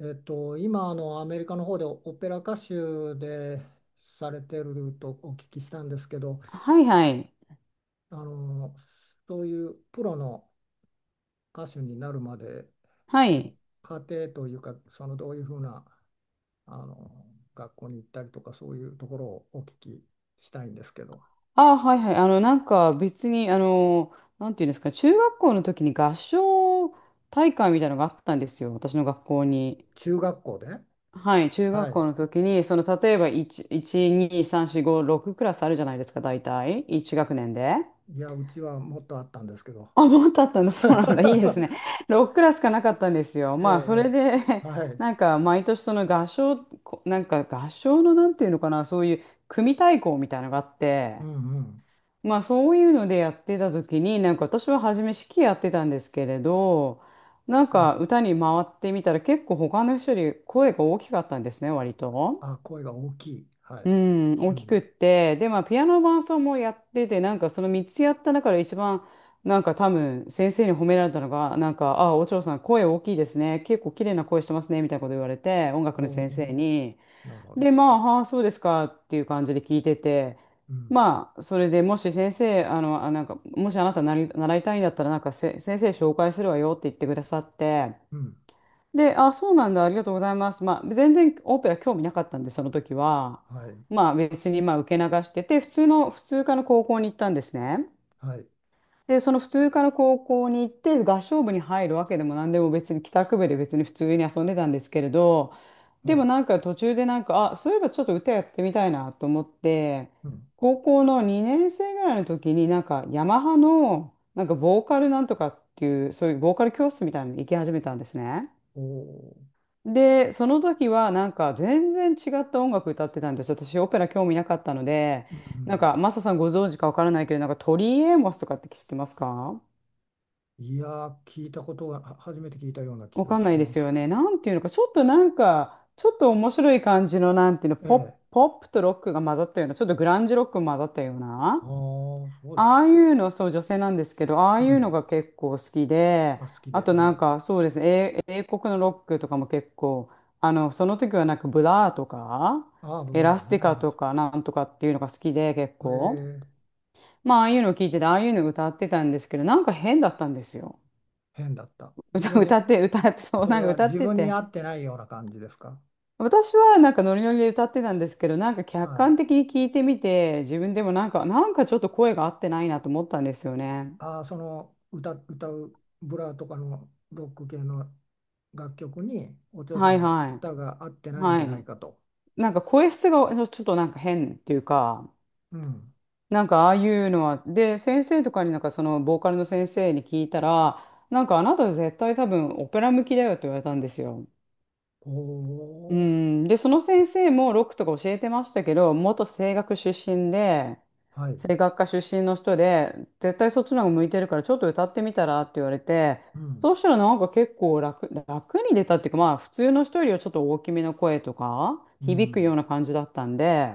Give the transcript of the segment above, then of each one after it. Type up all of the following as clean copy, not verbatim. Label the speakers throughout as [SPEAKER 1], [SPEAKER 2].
[SPEAKER 1] 今アメリカの方でオオペラ歌手でされてるとお聞きしたんですけど、
[SPEAKER 2] はいはい。
[SPEAKER 1] あのそういうプロの歌手になるまで
[SPEAKER 2] は
[SPEAKER 1] の
[SPEAKER 2] い。
[SPEAKER 1] 過程というか、そのどういうふうなあの学校に行ったりとかそういうところをお聞きしたいんですけど。
[SPEAKER 2] ああ、はいはい。なんか別に、なんていうんですか、中学校の時に合唱大会みたいなのがあったんですよ。私の学校に。
[SPEAKER 1] 中学校で、
[SPEAKER 2] はい。中
[SPEAKER 1] は
[SPEAKER 2] 学校
[SPEAKER 1] い。
[SPEAKER 2] の時に、その、例えば1、2、3、4、5、6クラスあるじゃないですか、大体。1学年で。
[SPEAKER 1] いやうちはもっとあったんですけど。
[SPEAKER 2] あ、もっとあったんだ。そうなんだ。いいですね。6クラスしかなかったんですよ。
[SPEAKER 1] ええ、
[SPEAKER 2] まあ、それ
[SPEAKER 1] え
[SPEAKER 2] で
[SPEAKER 1] えは い、
[SPEAKER 2] なんか、毎年その合唱、なんか合唱のなんていうのかな、そういう組対抗みたいなのがあって、
[SPEAKER 1] うんうん、
[SPEAKER 2] まあそういうのでやってた時になんか私は初め指揮やってたんですけれどなん
[SPEAKER 1] お
[SPEAKER 2] か
[SPEAKER 1] う
[SPEAKER 2] 歌に回ってみたら結構他の人より声が大きかったんですね割と。
[SPEAKER 1] あ、声が大きい、は
[SPEAKER 2] う
[SPEAKER 1] い、
[SPEAKER 2] ん、
[SPEAKER 1] う
[SPEAKER 2] 大きくっ
[SPEAKER 1] ん。
[SPEAKER 2] て、で、まあ、ピアノ伴奏もやってて、なんかその3つやった中で一番、なんか多分、先生に褒められたのが、なんか、あ、お嬢さん、声大きいですね、結構綺麗な声してますね、みたいなこと言われて、音楽の先
[SPEAKER 1] おー
[SPEAKER 2] 生に。
[SPEAKER 1] なるほ
[SPEAKER 2] で、
[SPEAKER 1] ど。
[SPEAKER 2] まあ、はあ、そうですかっていう感じで聞いてて、
[SPEAKER 1] うん。
[SPEAKER 2] まあ、それでもし先生、あ、なんか、もしあなたなり、習いたいんだったら、なんか先生紹介するわよって言ってくださって、
[SPEAKER 1] うん。
[SPEAKER 2] で、あ、そうなんだ、ありがとうございます。まあ、全然オペラ興味なかったんで、その時は。
[SPEAKER 1] はい。
[SPEAKER 2] まあ、別にまあ受け流してて、普通科の高校に行ったんですね。
[SPEAKER 1] はい。
[SPEAKER 2] で、その普通科の高校に行って、合唱部に入るわけでも何でも別に、帰宅部で別に普通に遊んでたんですけれど、
[SPEAKER 1] お
[SPEAKER 2] でも
[SPEAKER 1] う。
[SPEAKER 2] なんか途中でなんか、あ、そういえばちょっと歌やってみたいなと思って、
[SPEAKER 1] うん。
[SPEAKER 2] 高校の2年生ぐらいの時になんか、ヤマハの、なんかボーカルなんとかっていう、そういうボーカル教室みたいなのに行き始めたんですね。
[SPEAKER 1] おー
[SPEAKER 2] で、その時はなんか全然違った音楽歌ってたんですよ。私オペラ興味なかったので、
[SPEAKER 1] うん。う
[SPEAKER 2] なん
[SPEAKER 1] ん。
[SPEAKER 2] かマサさんご存知かわからないけど、なんかトリー・エイモスとかって知ってますか？
[SPEAKER 1] いやー、聞いたことが、は初めて聞いたような
[SPEAKER 2] わ
[SPEAKER 1] 気が
[SPEAKER 2] かん
[SPEAKER 1] し
[SPEAKER 2] ないで
[SPEAKER 1] ま
[SPEAKER 2] す
[SPEAKER 1] す
[SPEAKER 2] よ
[SPEAKER 1] けど
[SPEAKER 2] ね。な
[SPEAKER 1] ね。
[SPEAKER 2] んていうのか、ちょっとなんか、ちょっと面白い感じの、なんていうの、
[SPEAKER 1] ええ。
[SPEAKER 2] ポップとロックが混ざったような、ちょっとグランジロックが混ざったよう
[SPEAKER 1] ああ、
[SPEAKER 2] な。
[SPEAKER 1] そうです
[SPEAKER 2] あ
[SPEAKER 1] か。
[SPEAKER 2] あいうの、そう、女性なんですけど、ああ
[SPEAKER 1] う
[SPEAKER 2] いうの
[SPEAKER 1] ん。
[SPEAKER 2] が結構好き
[SPEAKER 1] あ、
[SPEAKER 2] で、
[SPEAKER 1] 好きで。
[SPEAKER 2] あ
[SPEAKER 1] う
[SPEAKER 2] となん
[SPEAKER 1] ん。
[SPEAKER 2] か、そうですね、英国のロックとかも結構、その時はなんかブラーとか、
[SPEAKER 1] ああ、僕
[SPEAKER 2] エラ
[SPEAKER 1] は
[SPEAKER 2] ス
[SPEAKER 1] ね。
[SPEAKER 2] ティカ
[SPEAKER 1] ああ
[SPEAKER 2] と
[SPEAKER 1] そ
[SPEAKER 2] かなんとかっていうのが好きで結
[SPEAKER 1] う
[SPEAKER 2] 構、
[SPEAKER 1] ええ、
[SPEAKER 2] まあ、ああいうのを聞いてて、ああいうの歌ってたんですけど、なんか変だったんですよ。
[SPEAKER 1] 変だった。自分に、
[SPEAKER 2] 歌って、そう、
[SPEAKER 1] そ
[SPEAKER 2] な
[SPEAKER 1] れ
[SPEAKER 2] んか
[SPEAKER 1] は
[SPEAKER 2] 歌っ
[SPEAKER 1] 自
[SPEAKER 2] て
[SPEAKER 1] 分に合
[SPEAKER 2] て。
[SPEAKER 1] ってないような感じですか。
[SPEAKER 2] 私はなんかノリノリで歌ってたんですけど、なんか客
[SPEAKER 1] はい。
[SPEAKER 2] 観的に聞いてみて、自分でもなんかちょっと声が合ってないなと思ったんですよね。
[SPEAKER 1] ああ、その歌うブラとかのロック系の楽曲にお嬢さ
[SPEAKER 2] は
[SPEAKER 1] ん
[SPEAKER 2] い
[SPEAKER 1] の
[SPEAKER 2] は
[SPEAKER 1] 歌が合って
[SPEAKER 2] い。
[SPEAKER 1] ないんじ
[SPEAKER 2] は
[SPEAKER 1] ゃない
[SPEAKER 2] い。
[SPEAKER 1] かと。
[SPEAKER 2] なんか声質がちょっとなんか変っていうか、
[SPEAKER 1] うん。
[SPEAKER 2] なんかああいうのは、で、先生とかになんかそのボーカルの先生に聞いたら、なんかあなた絶対多分オペラ向きだよって言われたんですよ。
[SPEAKER 1] お
[SPEAKER 2] う
[SPEAKER 1] お、
[SPEAKER 2] ん、で、その先生もロックとか教えてましたけど、元声楽出身で、
[SPEAKER 1] はい。
[SPEAKER 2] 声楽科出身の人で、絶対そっちの方が向いてるからちょっと歌ってみたらって言われて、
[SPEAKER 1] うん。
[SPEAKER 2] そうしたらなんか結構楽に出たっていうか、まあ普通の人よりはちょっと大きめの声とか、
[SPEAKER 1] う
[SPEAKER 2] 響くよう
[SPEAKER 1] ん。
[SPEAKER 2] な感じだったんで、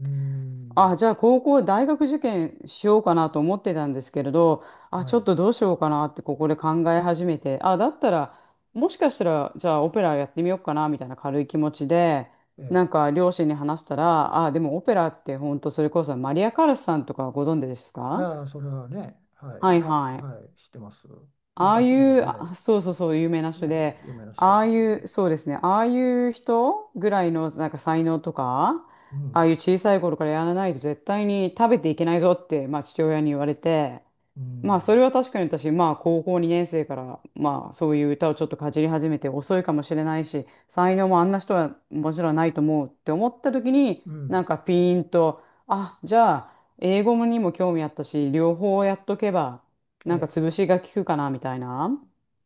[SPEAKER 1] うーん。
[SPEAKER 2] あ、じゃあ大学受験しようかなと思ってたんですけれど、あ、
[SPEAKER 1] は
[SPEAKER 2] ちょっ
[SPEAKER 1] い。
[SPEAKER 2] とどうしようかなってここで考え始めて、あ、だったら、もしかしたら、じゃあオペラやってみようかなみたいな軽い気持ちで、
[SPEAKER 1] え
[SPEAKER 2] なん
[SPEAKER 1] え。
[SPEAKER 2] か両親に話したら、あ、でもオペラって本当それこそマリア・カラスさんとかご存知ですか？
[SPEAKER 1] ああ、それはね、はい。
[SPEAKER 2] はい
[SPEAKER 1] は
[SPEAKER 2] はい。
[SPEAKER 1] い。知ってます。
[SPEAKER 2] ああい
[SPEAKER 1] 昔の、
[SPEAKER 2] う、
[SPEAKER 1] はい。
[SPEAKER 2] あそうそうそう、有名な人
[SPEAKER 1] ね、
[SPEAKER 2] で、
[SPEAKER 1] 有名な人
[SPEAKER 2] ああ
[SPEAKER 1] です
[SPEAKER 2] い
[SPEAKER 1] ね。
[SPEAKER 2] う、そうですね、ああいう人ぐらいのなんか才能とか、
[SPEAKER 1] う
[SPEAKER 2] ああ
[SPEAKER 1] ん。
[SPEAKER 2] いう小さい頃からやらないと絶対に食べていけないぞって、まあ、父親に言われて、
[SPEAKER 1] う
[SPEAKER 2] まあそ
[SPEAKER 1] ん。
[SPEAKER 2] れは確かに私、まあ高校2年生から、まあそういう歌をちょっとかじり始めて遅いかもしれないし、才能もあんな人はもちろんないと思うって思った時に、
[SPEAKER 1] う
[SPEAKER 2] な
[SPEAKER 1] ん。
[SPEAKER 2] んかピーンと、あ、じゃあ英語にも興味あったし、両方やっとけば、
[SPEAKER 1] え
[SPEAKER 2] なんか
[SPEAKER 1] え。
[SPEAKER 2] 潰しが効くかなみたいな。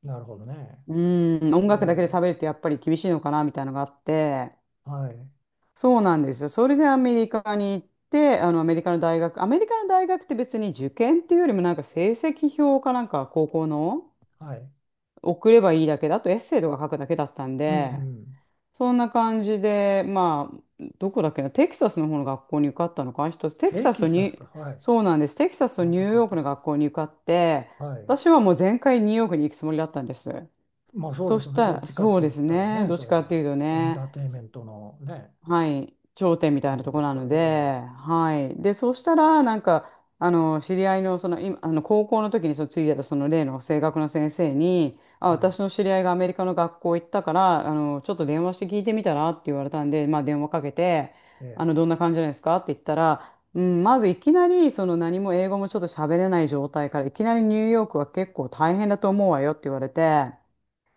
[SPEAKER 1] なるほどね。
[SPEAKER 2] うん、音
[SPEAKER 1] お
[SPEAKER 2] 楽だけで
[SPEAKER 1] お、
[SPEAKER 2] 食べるってやっぱり厳しいのかなみたいなのがあって、
[SPEAKER 1] はい。
[SPEAKER 2] そうなんですよ。それでアメリカに行って、あのアメリカの大学って別に受験っていうよりもなんか成績表かなんか高校の
[SPEAKER 1] はい。
[SPEAKER 2] 送ればいいだけだとエッセイとか書くだけだったん
[SPEAKER 1] うんう
[SPEAKER 2] で、
[SPEAKER 1] ん。
[SPEAKER 2] そんな感じで、まあ、どこだっけな、テキサスの方の学校に受かったのかな、一つ、テキ
[SPEAKER 1] テ
[SPEAKER 2] サス
[SPEAKER 1] キ
[SPEAKER 2] とニ
[SPEAKER 1] サス、
[SPEAKER 2] ュ、
[SPEAKER 1] はい。
[SPEAKER 2] そうなんです。テキサスと
[SPEAKER 1] ま
[SPEAKER 2] ニ
[SPEAKER 1] た
[SPEAKER 2] ュ
[SPEAKER 1] 変
[SPEAKER 2] ー
[SPEAKER 1] わっ
[SPEAKER 2] ヨー
[SPEAKER 1] た
[SPEAKER 2] クの
[SPEAKER 1] と。
[SPEAKER 2] 学校に受かって、
[SPEAKER 1] はい。
[SPEAKER 2] 私はもう全開ニューヨークに行くつもりだったんです。
[SPEAKER 1] まあそう
[SPEAKER 2] そ
[SPEAKER 1] でし
[SPEAKER 2] し
[SPEAKER 1] ょうね。
[SPEAKER 2] た
[SPEAKER 1] どっ
[SPEAKER 2] ら、
[SPEAKER 1] ちかっ
[SPEAKER 2] そう
[SPEAKER 1] て
[SPEAKER 2] で
[SPEAKER 1] 言っ
[SPEAKER 2] す
[SPEAKER 1] たら
[SPEAKER 2] ね、
[SPEAKER 1] ね、
[SPEAKER 2] どっ
[SPEAKER 1] そ
[SPEAKER 2] ち
[SPEAKER 1] れ
[SPEAKER 2] かってい
[SPEAKER 1] は
[SPEAKER 2] うと
[SPEAKER 1] エン
[SPEAKER 2] ね。
[SPEAKER 1] ターテインメントのね、
[SPEAKER 2] はい、頂点
[SPEAKER 1] し
[SPEAKER 2] み
[SPEAKER 1] た
[SPEAKER 2] たいな
[SPEAKER 1] いん
[SPEAKER 2] とこ
[SPEAKER 1] です
[SPEAKER 2] な
[SPEAKER 1] か
[SPEAKER 2] の
[SPEAKER 1] ら。え
[SPEAKER 2] で、
[SPEAKER 1] え
[SPEAKER 2] はい。で、そうしたら、なんか、知り合いの、その、今、高校の時に、その、ついてた、その、例の声楽の先生に、あ、
[SPEAKER 1] はい。
[SPEAKER 2] 私の知り合いがアメリカの学校行ったから、ちょっと電話して聞いてみたらって言われたんで、まあ、電話かけて、
[SPEAKER 1] ええ
[SPEAKER 2] どんな感じなんですかって言ったら、うん、まずいきなり、その、何も英語もちょっと喋れない状態から、いきなりニューヨークは結構大変だと思うわよって言われて、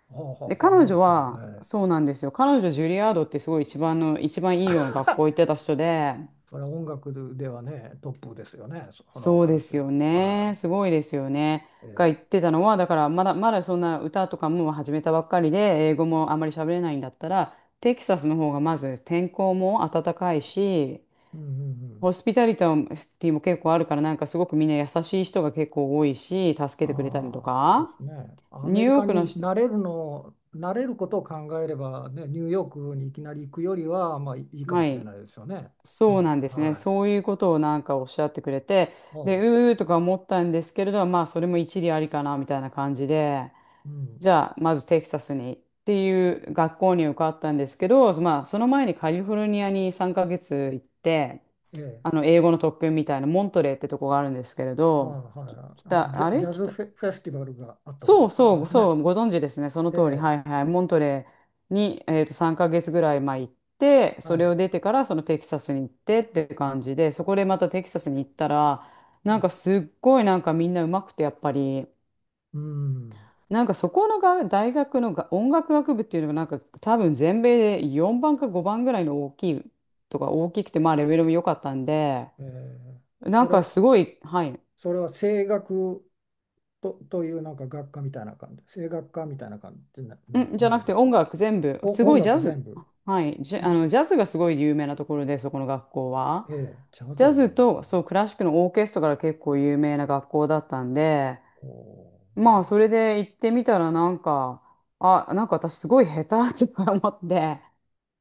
[SPEAKER 1] ほうほ
[SPEAKER 2] で、
[SPEAKER 1] うほう、
[SPEAKER 2] 彼
[SPEAKER 1] まあ
[SPEAKER 2] 女
[SPEAKER 1] そうね。
[SPEAKER 2] は、
[SPEAKER 1] ええ
[SPEAKER 2] そうなんですよ。彼女、ジュリアードってすごい一番いいような学校行ってた人で、
[SPEAKER 1] それは音楽ではね、トップですよね、その
[SPEAKER 2] そうで
[SPEAKER 1] 話
[SPEAKER 2] す
[SPEAKER 1] は。
[SPEAKER 2] よね。
[SPEAKER 1] は
[SPEAKER 2] すごいですよね。
[SPEAKER 1] い。
[SPEAKER 2] が言っ
[SPEAKER 1] ええ
[SPEAKER 2] てたのは、だからまだそんな歌とかも始めたばっかりで、英語もあまり喋れないんだったら、テキサスの方がまず天候も暖かいし、
[SPEAKER 1] うんうんうん。
[SPEAKER 2] ホスピタリティも結構あるから、なんかすごくみんな優しい人が結構多いし、助けてくれたりと
[SPEAKER 1] ああ、そうで
[SPEAKER 2] か、
[SPEAKER 1] すね。ア
[SPEAKER 2] ニュ
[SPEAKER 1] メ
[SPEAKER 2] ー
[SPEAKER 1] リ
[SPEAKER 2] ヨー
[SPEAKER 1] カ
[SPEAKER 2] ク
[SPEAKER 1] に
[SPEAKER 2] のし、
[SPEAKER 1] 慣れることを考えれば、ね、ニューヨークにいきなり行くよりは、まあいいかも
[SPEAKER 2] は
[SPEAKER 1] しれ
[SPEAKER 2] い。
[SPEAKER 1] ないですよね。
[SPEAKER 2] そう
[SPEAKER 1] ま
[SPEAKER 2] なんで
[SPEAKER 1] あ、
[SPEAKER 2] すね。
[SPEAKER 1] は
[SPEAKER 2] そ
[SPEAKER 1] い。
[SPEAKER 2] ういうことをなんかおっしゃってくれて、
[SPEAKER 1] お
[SPEAKER 2] で、
[SPEAKER 1] う、
[SPEAKER 2] うーとか思ったんですけれど、まあ、それも一理ありかなみたいな感じで、
[SPEAKER 1] うん。
[SPEAKER 2] じゃあ、まずテキサスにっていう学校に受かったんですけど、まあ、その前にカリフォルニアに3ヶ月行って、
[SPEAKER 1] ええ
[SPEAKER 2] 英語の特訓みたいな、モントレーってとこがあるんですけれ
[SPEAKER 1] は
[SPEAKER 2] ど、
[SPEAKER 1] いは
[SPEAKER 2] き
[SPEAKER 1] い。
[SPEAKER 2] 北、
[SPEAKER 1] ジ
[SPEAKER 2] あ
[SPEAKER 1] ャ、ジ
[SPEAKER 2] れ
[SPEAKER 1] ャズ
[SPEAKER 2] 北、
[SPEAKER 1] フェ、フェスティバルがあったとこ
[SPEAKER 2] そ
[SPEAKER 1] ろ
[SPEAKER 2] う
[SPEAKER 1] ですね、
[SPEAKER 2] そう、
[SPEAKER 1] 昔
[SPEAKER 2] そ
[SPEAKER 1] ね。
[SPEAKER 2] う、ご存知ですね。その
[SPEAKER 1] え
[SPEAKER 2] 通り。は
[SPEAKER 1] え、
[SPEAKER 2] いはい。モントレーに、3ヶ月ぐらい前行って、そ
[SPEAKER 1] は
[SPEAKER 2] れ
[SPEAKER 1] い。
[SPEAKER 2] を出てからそのテキサスに行ってっていう感じで、そこでまたテキサスに行ったら、
[SPEAKER 1] は
[SPEAKER 2] なん
[SPEAKER 1] い、
[SPEAKER 2] かすっごいなんかみんなうまくてやっぱり、
[SPEAKER 1] うん。
[SPEAKER 2] なんかそこのが大学のが音楽学部っていうのがなんか多分全米で4番か5番ぐらいの大きいとか大きくて、まあレベルも良かったんで、
[SPEAKER 1] ええ、
[SPEAKER 2] な
[SPEAKER 1] そ
[SPEAKER 2] ん
[SPEAKER 1] れ
[SPEAKER 2] か
[SPEAKER 1] を、
[SPEAKER 2] すごい、はい。
[SPEAKER 1] それは声楽というなんか学科みたいな感じ、声楽科みたいな感じにな、
[SPEAKER 2] んじ
[SPEAKER 1] な
[SPEAKER 2] ゃ
[SPEAKER 1] る
[SPEAKER 2] な
[SPEAKER 1] ん
[SPEAKER 2] く
[SPEAKER 1] で
[SPEAKER 2] て
[SPEAKER 1] す
[SPEAKER 2] 音
[SPEAKER 1] か。
[SPEAKER 2] 楽全部、す
[SPEAKER 1] お、音
[SPEAKER 2] ごいジ
[SPEAKER 1] 楽
[SPEAKER 2] ャ
[SPEAKER 1] 全
[SPEAKER 2] ズ、
[SPEAKER 1] 部。
[SPEAKER 2] はい、
[SPEAKER 1] うん、
[SPEAKER 2] ジャズがすごい有名なところで、そこの学校は。
[SPEAKER 1] ええ、ジャ
[SPEAKER 2] ジ
[SPEAKER 1] ズ
[SPEAKER 2] ャ
[SPEAKER 1] が
[SPEAKER 2] ズ
[SPEAKER 1] 有名。
[SPEAKER 2] と、そう、クラシックのオーケストラが結構有名な学校だったんで、
[SPEAKER 1] お
[SPEAKER 2] まあ、それで行ってみたら、なんか、あ、なんか私すごい下手とか思って、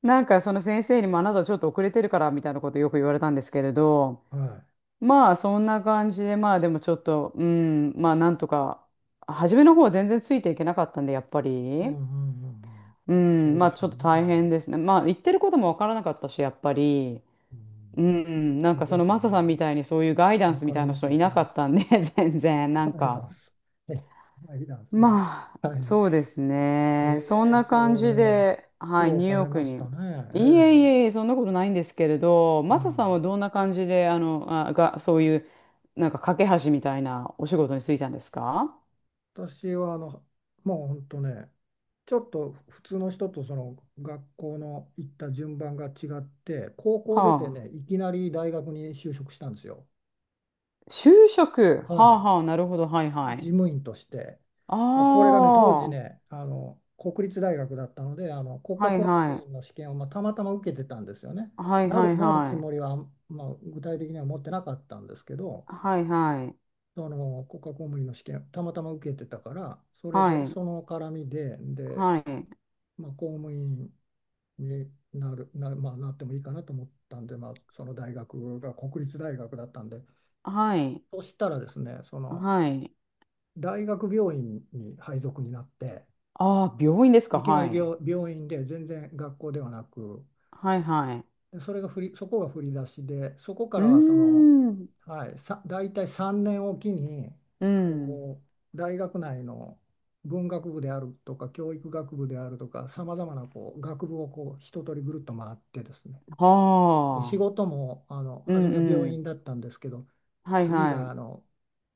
[SPEAKER 2] なんかその先生にもあなたちょっと遅れてるからみたいなことよく言われたんですけれど、
[SPEAKER 1] ーはい。
[SPEAKER 2] まあ、そんな感じで、まあ、でもちょっと、うん、まあ、なんとか、初めの方は全然ついていけなかったんで、やっぱ
[SPEAKER 1] うんうんう
[SPEAKER 2] り。
[SPEAKER 1] んうん。
[SPEAKER 2] う
[SPEAKER 1] そ
[SPEAKER 2] ん、
[SPEAKER 1] う
[SPEAKER 2] ま
[SPEAKER 1] で
[SPEAKER 2] あ
[SPEAKER 1] す
[SPEAKER 2] ち
[SPEAKER 1] よ
[SPEAKER 2] ょっと
[SPEAKER 1] ね。
[SPEAKER 2] 大変ですね。まあ言ってることもわからなかったし、やっぱり、
[SPEAKER 1] う
[SPEAKER 2] う
[SPEAKER 1] ん、
[SPEAKER 2] ん、なん
[SPEAKER 1] そう
[SPEAKER 2] かそ
[SPEAKER 1] で
[SPEAKER 2] の
[SPEAKER 1] すよ
[SPEAKER 2] マサ
[SPEAKER 1] ね。
[SPEAKER 2] さんみたいにそういうガイダン
[SPEAKER 1] わ
[SPEAKER 2] スみ
[SPEAKER 1] かり
[SPEAKER 2] たいな
[SPEAKER 1] ます、
[SPEAKER 2] 人
[SPEAKER 1] わ
[SPEAKER 2] い
[SPEAKER 1] か
[SPEAKER 2] な
[SPEAKER 1] り
[SPEAKER 2] か
[SPEAKER 1] ます。
[SPEAKER 2] ったんで、全然、なん
[SPEAKER 1] はいダ
[SPEAKER 2] か。
[SPEAKER 1] ンス。え、はいダンスね。
[SPEAKER 2] まあ、
[SPEAKER 1] はい。
[SPEAKER 2] そうですね。そんな感
[SPEAKER 1] そ
[SPEAKER 2] じ
[SPEAKER 1] れは
[SPEAKER 2] で、
[SPEAKER 1] 苦
[SPEAKER 2] はい、
[SPEAKER 1] 労
[SPEAKER 2] ニュー
[SPEAKER 1] さ
[SPEAKER 2] ヨー
[SPEAKER 1] れ
[SPEAKER 2] ク
[SPEAKER 1] まし
[SPEAKER 2] に。
[SPEAKER 1] たね。
[SPEAKER 2] いえいえいえ、そんなことないんですけれど、
[SPEAKER 1] う
[SPEAKER 2] マサさんは
[SPEAKER 1] ん。
[SPEAKER 2] どんな感じで、そういう、なんか架け橋みたいなお仕事に就いたんですか？
[SPEAKER 1] 私はもう本当ね、ちょっと普通の人とその学校の行った順番が違って、高校出て
[SPEAKER 2] はあ。
[SPEAKER 1] ね、いきなり大学に就職したんですよ。
[SPEAKER 2] 就職。
[SPEAKER 1] は
[SPEAKER 2] はあ
[SPEAKER 1] い。
[SPEAKER 2] はあ、なるほど、はいは
[SPEAKER 1] 事
[SPEAKER 2] い。
[SPEAKER 1] 務員として、
[SPEAKER 2] あ
[SPEAKER 1] まあ、これがね当時
[SPEAKER 2] あ。
[SPEAKER 1] ね国立大学だったので国家
[SPEAKER 2] はい
[SPEAKER 1] 公
[SPEAKER 2] は
[SPEAKER 1] 務
[SPEAKER 2] い。
[SPEAKER 1] 員の試験を、まあ、たまたま受けてたんですよね。
[SPEAKER 2] はいはい
[SPEAKER 1] なるつ
[SPEAKER 2] はい。
[SPEAKER 1] もりは、まあ、具体的には持ってなかったんですけど、
[SPEAKER 2] はいはい。
[SPEAKER 1] その国家公務員の試験たまたま受けてたからそれ
[SPEAKER 2] は
[SPEAKER 1] で
[SPEAKER 2] い。
[SPEAKER 1] その絡みで、で、
[SPEAKER 2] はい。
[SPEAKER 1] まあ、公務員になる、な、まあ、なってもいいかなと思ったんで、まあ、その大学が国立大学だったんで、
[SPEAKER 2] はい。
[SPEAKER 1] そしたらですねその
[SPEAKER 2] はい。
[SPEAKER 1] 大学病院に配属になって。
[SPEAKER 2] ああ、病院ですか？
[SPEAKER 1] いきな
[SPEAKER 2] は
[SPEAKER 1] り
[SPEAKER 2] い。
[SPEAKER 1] 病院で、全然学校ではなく。
[SPEAKER 2] はいはい。
[SPEAKER 1] でそこが振り出しで、そこか
[SPEAKER 2] うー
[SPEAKER 1] らはその、
[SPEAKER 2] ん。
[SPEAKER 1] はい、大体3年おきに
[SPEAKER 2] うん。
[SPEAKER 1] こう大学内の文学部であるとか教育学部であるとかさまざまなこう学部をこう一通りぐるっと回ってですね、で仕
[SPEAKER 2] はあ。
[SPEAKER 1] 事も
[SPEAKER 2] う
[SPEAKER 1] 初
[SPEAKER 2] ん
[SPEAKER 1] めは病
[SPEAKER 2] う
[SPEAKER 1] 院
[SPEAKER 2] ん。
[SPEAKER 1] だったんですけど、
[SPEAKER 2] はい
[SPEAKER 1] 次が
[SPEAKER 2] は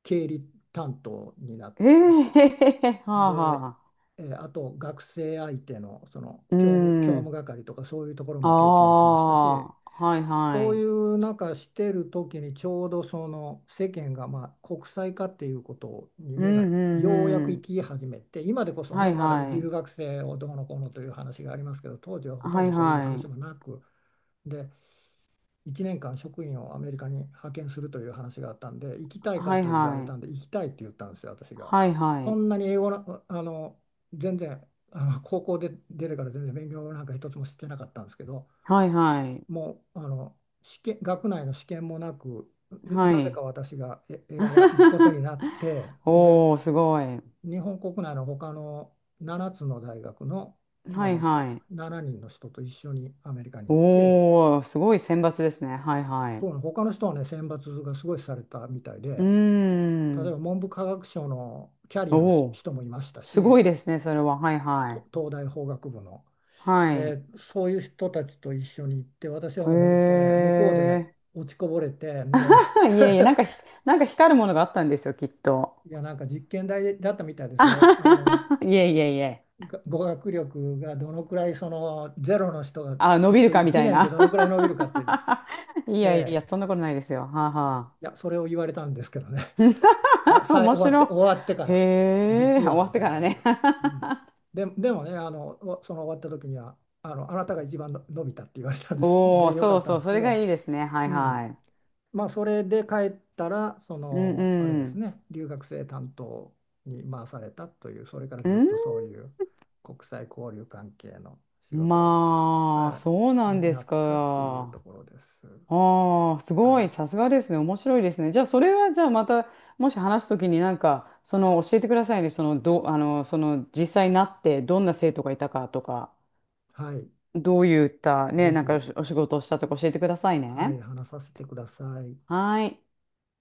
[SPEAKER 1] 経理担当になっ
[SPEAKER 2] い。え
[SPEAKER 1] て。
[SPEAKER 2] えー
[SPEAKER 1] で、
[SPEAKER 2] はあはあ。
[SPEAKER 1] あと学生相手の、その
[SPEAKER 2] う
[SPEAKER 1] 教
[SPEAKER 2] ん。
[SPEAKER 1] 務係とかそういうところ
[SPEAKER 2] あ
[SPEAKER 1] も経験しましたし、
[SPEAKER 2] あ。はいは
[SPEAKER 1] そうい
[SPEAKER 2] い。
[SPEAKER 1] う中してる時にちょうどその世間がまあ国際化っていうことに
[SPEAKER 2] う
[SPEAKER 1] 目が
[SPEAKER 2] んう
[SPEAKER 1] ようや
[SPEAKER 2] ん
[SPEAKER 1] く
[SPEAKER 2] う
[SPEAKER 1] 行
[SPEAKER 2] ん。
[SPEAKER 1] き始めて、今でこそ
[SPEAKER 2] は
[SPEAKER 1] ね、
[SPEAKER 2] い
[SPEAKER 1] まだ
[SPEAKER 2] は
[SPEAKER 1] 留
[SPEAKER 2] い。
[SPEAKER 1] 学生をどうのこうのという話がありますけど、当時はほとん
[SPEAKER 2] は
[SPEAKER 1] ど
[SPEAKER 2] い
[SPEAKER 1] そういう
[SPEAKER 2] は
[SPEAKER 1] 話
[SPEAKER 2] い。
[SPEAKER 1] もなく、で、1年間職員をアメリカに派遣するという話があったんで、行きたいか
[SPEAKER 2] はい
[SPEAKER 1] と言われ
[SPEAKER 2] は
[SPEAKER 1] たんで、
[SPEAKER 2] い。
[SPEAKER 1] 行きたいって言ったんですよ、私が。
[SPEAKER 2] はいは
[SPEAKER 1] そ
[SPEAKER 2] い。
[SPEAKER 1] んなに英語の、全然、高校で出てから全然勉強なんか一つもしてなかったんですけど、
[SPEAKER 2] はいはい。
[SPEAKER 1] もう、学内の試験もなく、
[SPEAKER 2] は
[SPEAKER 1] なぜか
[SPEAKER 2] い。
[SPEAKER 1] 私がえ選ば、行くことになって、で、
[SPEAKER 2] おー、すごい。
[SPEAKER 1] 日本国内の他の7つの大学の、あ
[SPEAKER 2] はい
[SPEAKER 1] の、7
[SPEAKER 2] はい。
[SPEAKER 1] 人の人と一緒にアメリカに行って、
[SPEAKER 2] おー、すごい選抜ですね。はいはい。
[SPEAKER 1] そうね他の人はね、選抜がすごいされたみたい
[SPEAKER 2] うー
[SPEAKER 1] で、例えば
[SPEAKER 2] ん。
[SPEAKER 1] 文部科学省のキャリアの
[SPEAKER 2] おー、
[SPEAKER 1] 人もいました
[SPEAKER 2] すご
[SPEAKER 1] し、
[SPEAKER 2] いですね、それは。はいは
[SPEAKER 1] と
[SPEAKER 2] い。
[SPEAKER 1] 東大法学部の、
[SPEAKER 2] はい。
[SPEAKER 1] そういう人たちと一緒に行って、私は
[SPEAKER 2] へ
[SPEAKER 1] もう本当ね、向こうでね、
[SPEAKER 2] え
[SPEAKER 1] 落ちこぼれて、で、
[SPEAKER 2] いえいえ、なんかひ、なんか光るものがあったんですよ、きっと。
[SPEAKER 1] いや、なんか実験台だったみたい で
[SPEAKER 2] あ
[SPEAKER 1] すよ。
[SPEAKER 2] はははいえいえいえ。
[SPEAKER 1] 語学力がどのくらい、その、ゼロの人が
[SPEAKER 2] あ、伸
[SPEAKER 1] 結
[SPEAKER 2] びる
[SPEAKER 1] 局
[SPEAKER 2] かみ
[SPEAKER 1] 1
[SPEAKER 2] たい
[SPEAKER 1] 年で
[SPEAKER 2] な。
[SPEAKER 1] どのくらい伸びるかって、
[SPEAKER 2] い
[SPEAKER 1] え
[SPEAKER 2] やいや、
[SPEAKER 1] え
[SPEAKER 2] そんなことないですよ。はあ
[SPEAKER 1] い
[SPEAKER 2] は
[SPEAKER 1] や、それを言われたんですけどね。あ、
[SPEAKER 2] あ。面白い。
[SPEAKER 1] 終わってから、
[SPEAKER 2] へえ、
[SPEAKER 1] 実
[SPEAKER 2] 終
[SPEAKER 1] は
[SPEAKER 2] わっ
[SPEAKER 1] み
[SPEAKER 2] て
[SPEAKER 1] たい
[SPEAKER 2] か
[SPEAKER 1] な
[SPEAKER 2] ら
[SPEAKER 1] 感じ
[SPEAKER 2] ね。
[SPEAKER 1] で。うん。で、でもね、その終わった時には、あなたが一番の伸びたって言われたんです。
[SPEAKER 2] おお、
[SPEAKER 1] で、よか
[SPEAKER 2] そう
[SPEAKER 1] った
[SPEAKER 2] そ
[SPEAKER 1] ん
[SPEAKER 2] う、
[SPEAKER 1] です
[SPEAKER 2] そ
[SPEAKER 1] け
[SPEAKER 2] れが
[SPEAKER 1] ど、
[SPEAKER 2] いいですね。はい
[SPEAKER 1] うん。
[SPEAKER 2] は
[SPEAKER 1] まあ、それで帰ったら、そ
[SPEAKER 2] い。う
[SPEAKER 1] の、あれです
[SPEAKER 2] ん
[SPEAKER 1] ね、留学生担当に回されたという、それから
[SPEAKER 2] う
[SPEAKER 1] ずっ
[SPEAKER 2] ん。ん
[SPEAKER 1] とそういう国際交流関係の仕事を、
[SPEAKER 2] まあ、
[SPEAKER 1] は
[SPEAKER 2] そう
[SPEAKER 1] い、
[SPEAKER 2] なん
[SPEAKER 1] に
[SPEAKER 2] で
[SPEAKER 1] な
[SPEAKER 2] す
[SPEAKER 1] ったっていうと
[SPEAKER 2] か？
[SPEAKER 1] ころです。
[SPEAKER 2] ああ、す
[SPEAKER 1] は
[SPEAKER 2] ごい、
[SPEAKER 1] い。
[SPEAKER 2] さすがですね。面白いですね。じゃあ、それは、じゃあ、また、もし話すときになんか、その、教えてくださいね。その、ど、あの、その、実際になって、どんな生徒がいたかとか、
[SPEAKER 1] はい。
[SPEAKER 2] どういった、ね、
[SPEAKER 1] ぜ
[SPEAKER 2] なんかお
[SPEAKER 1] ひ、
[SPEAKER 2] 仕、お仕事をしたとか教えてください
[SPEAKER 1] はい、
[SPEAKER 2] ね。
[SPEAKER 1] 話させてください。
[SPEAKER 2] はい。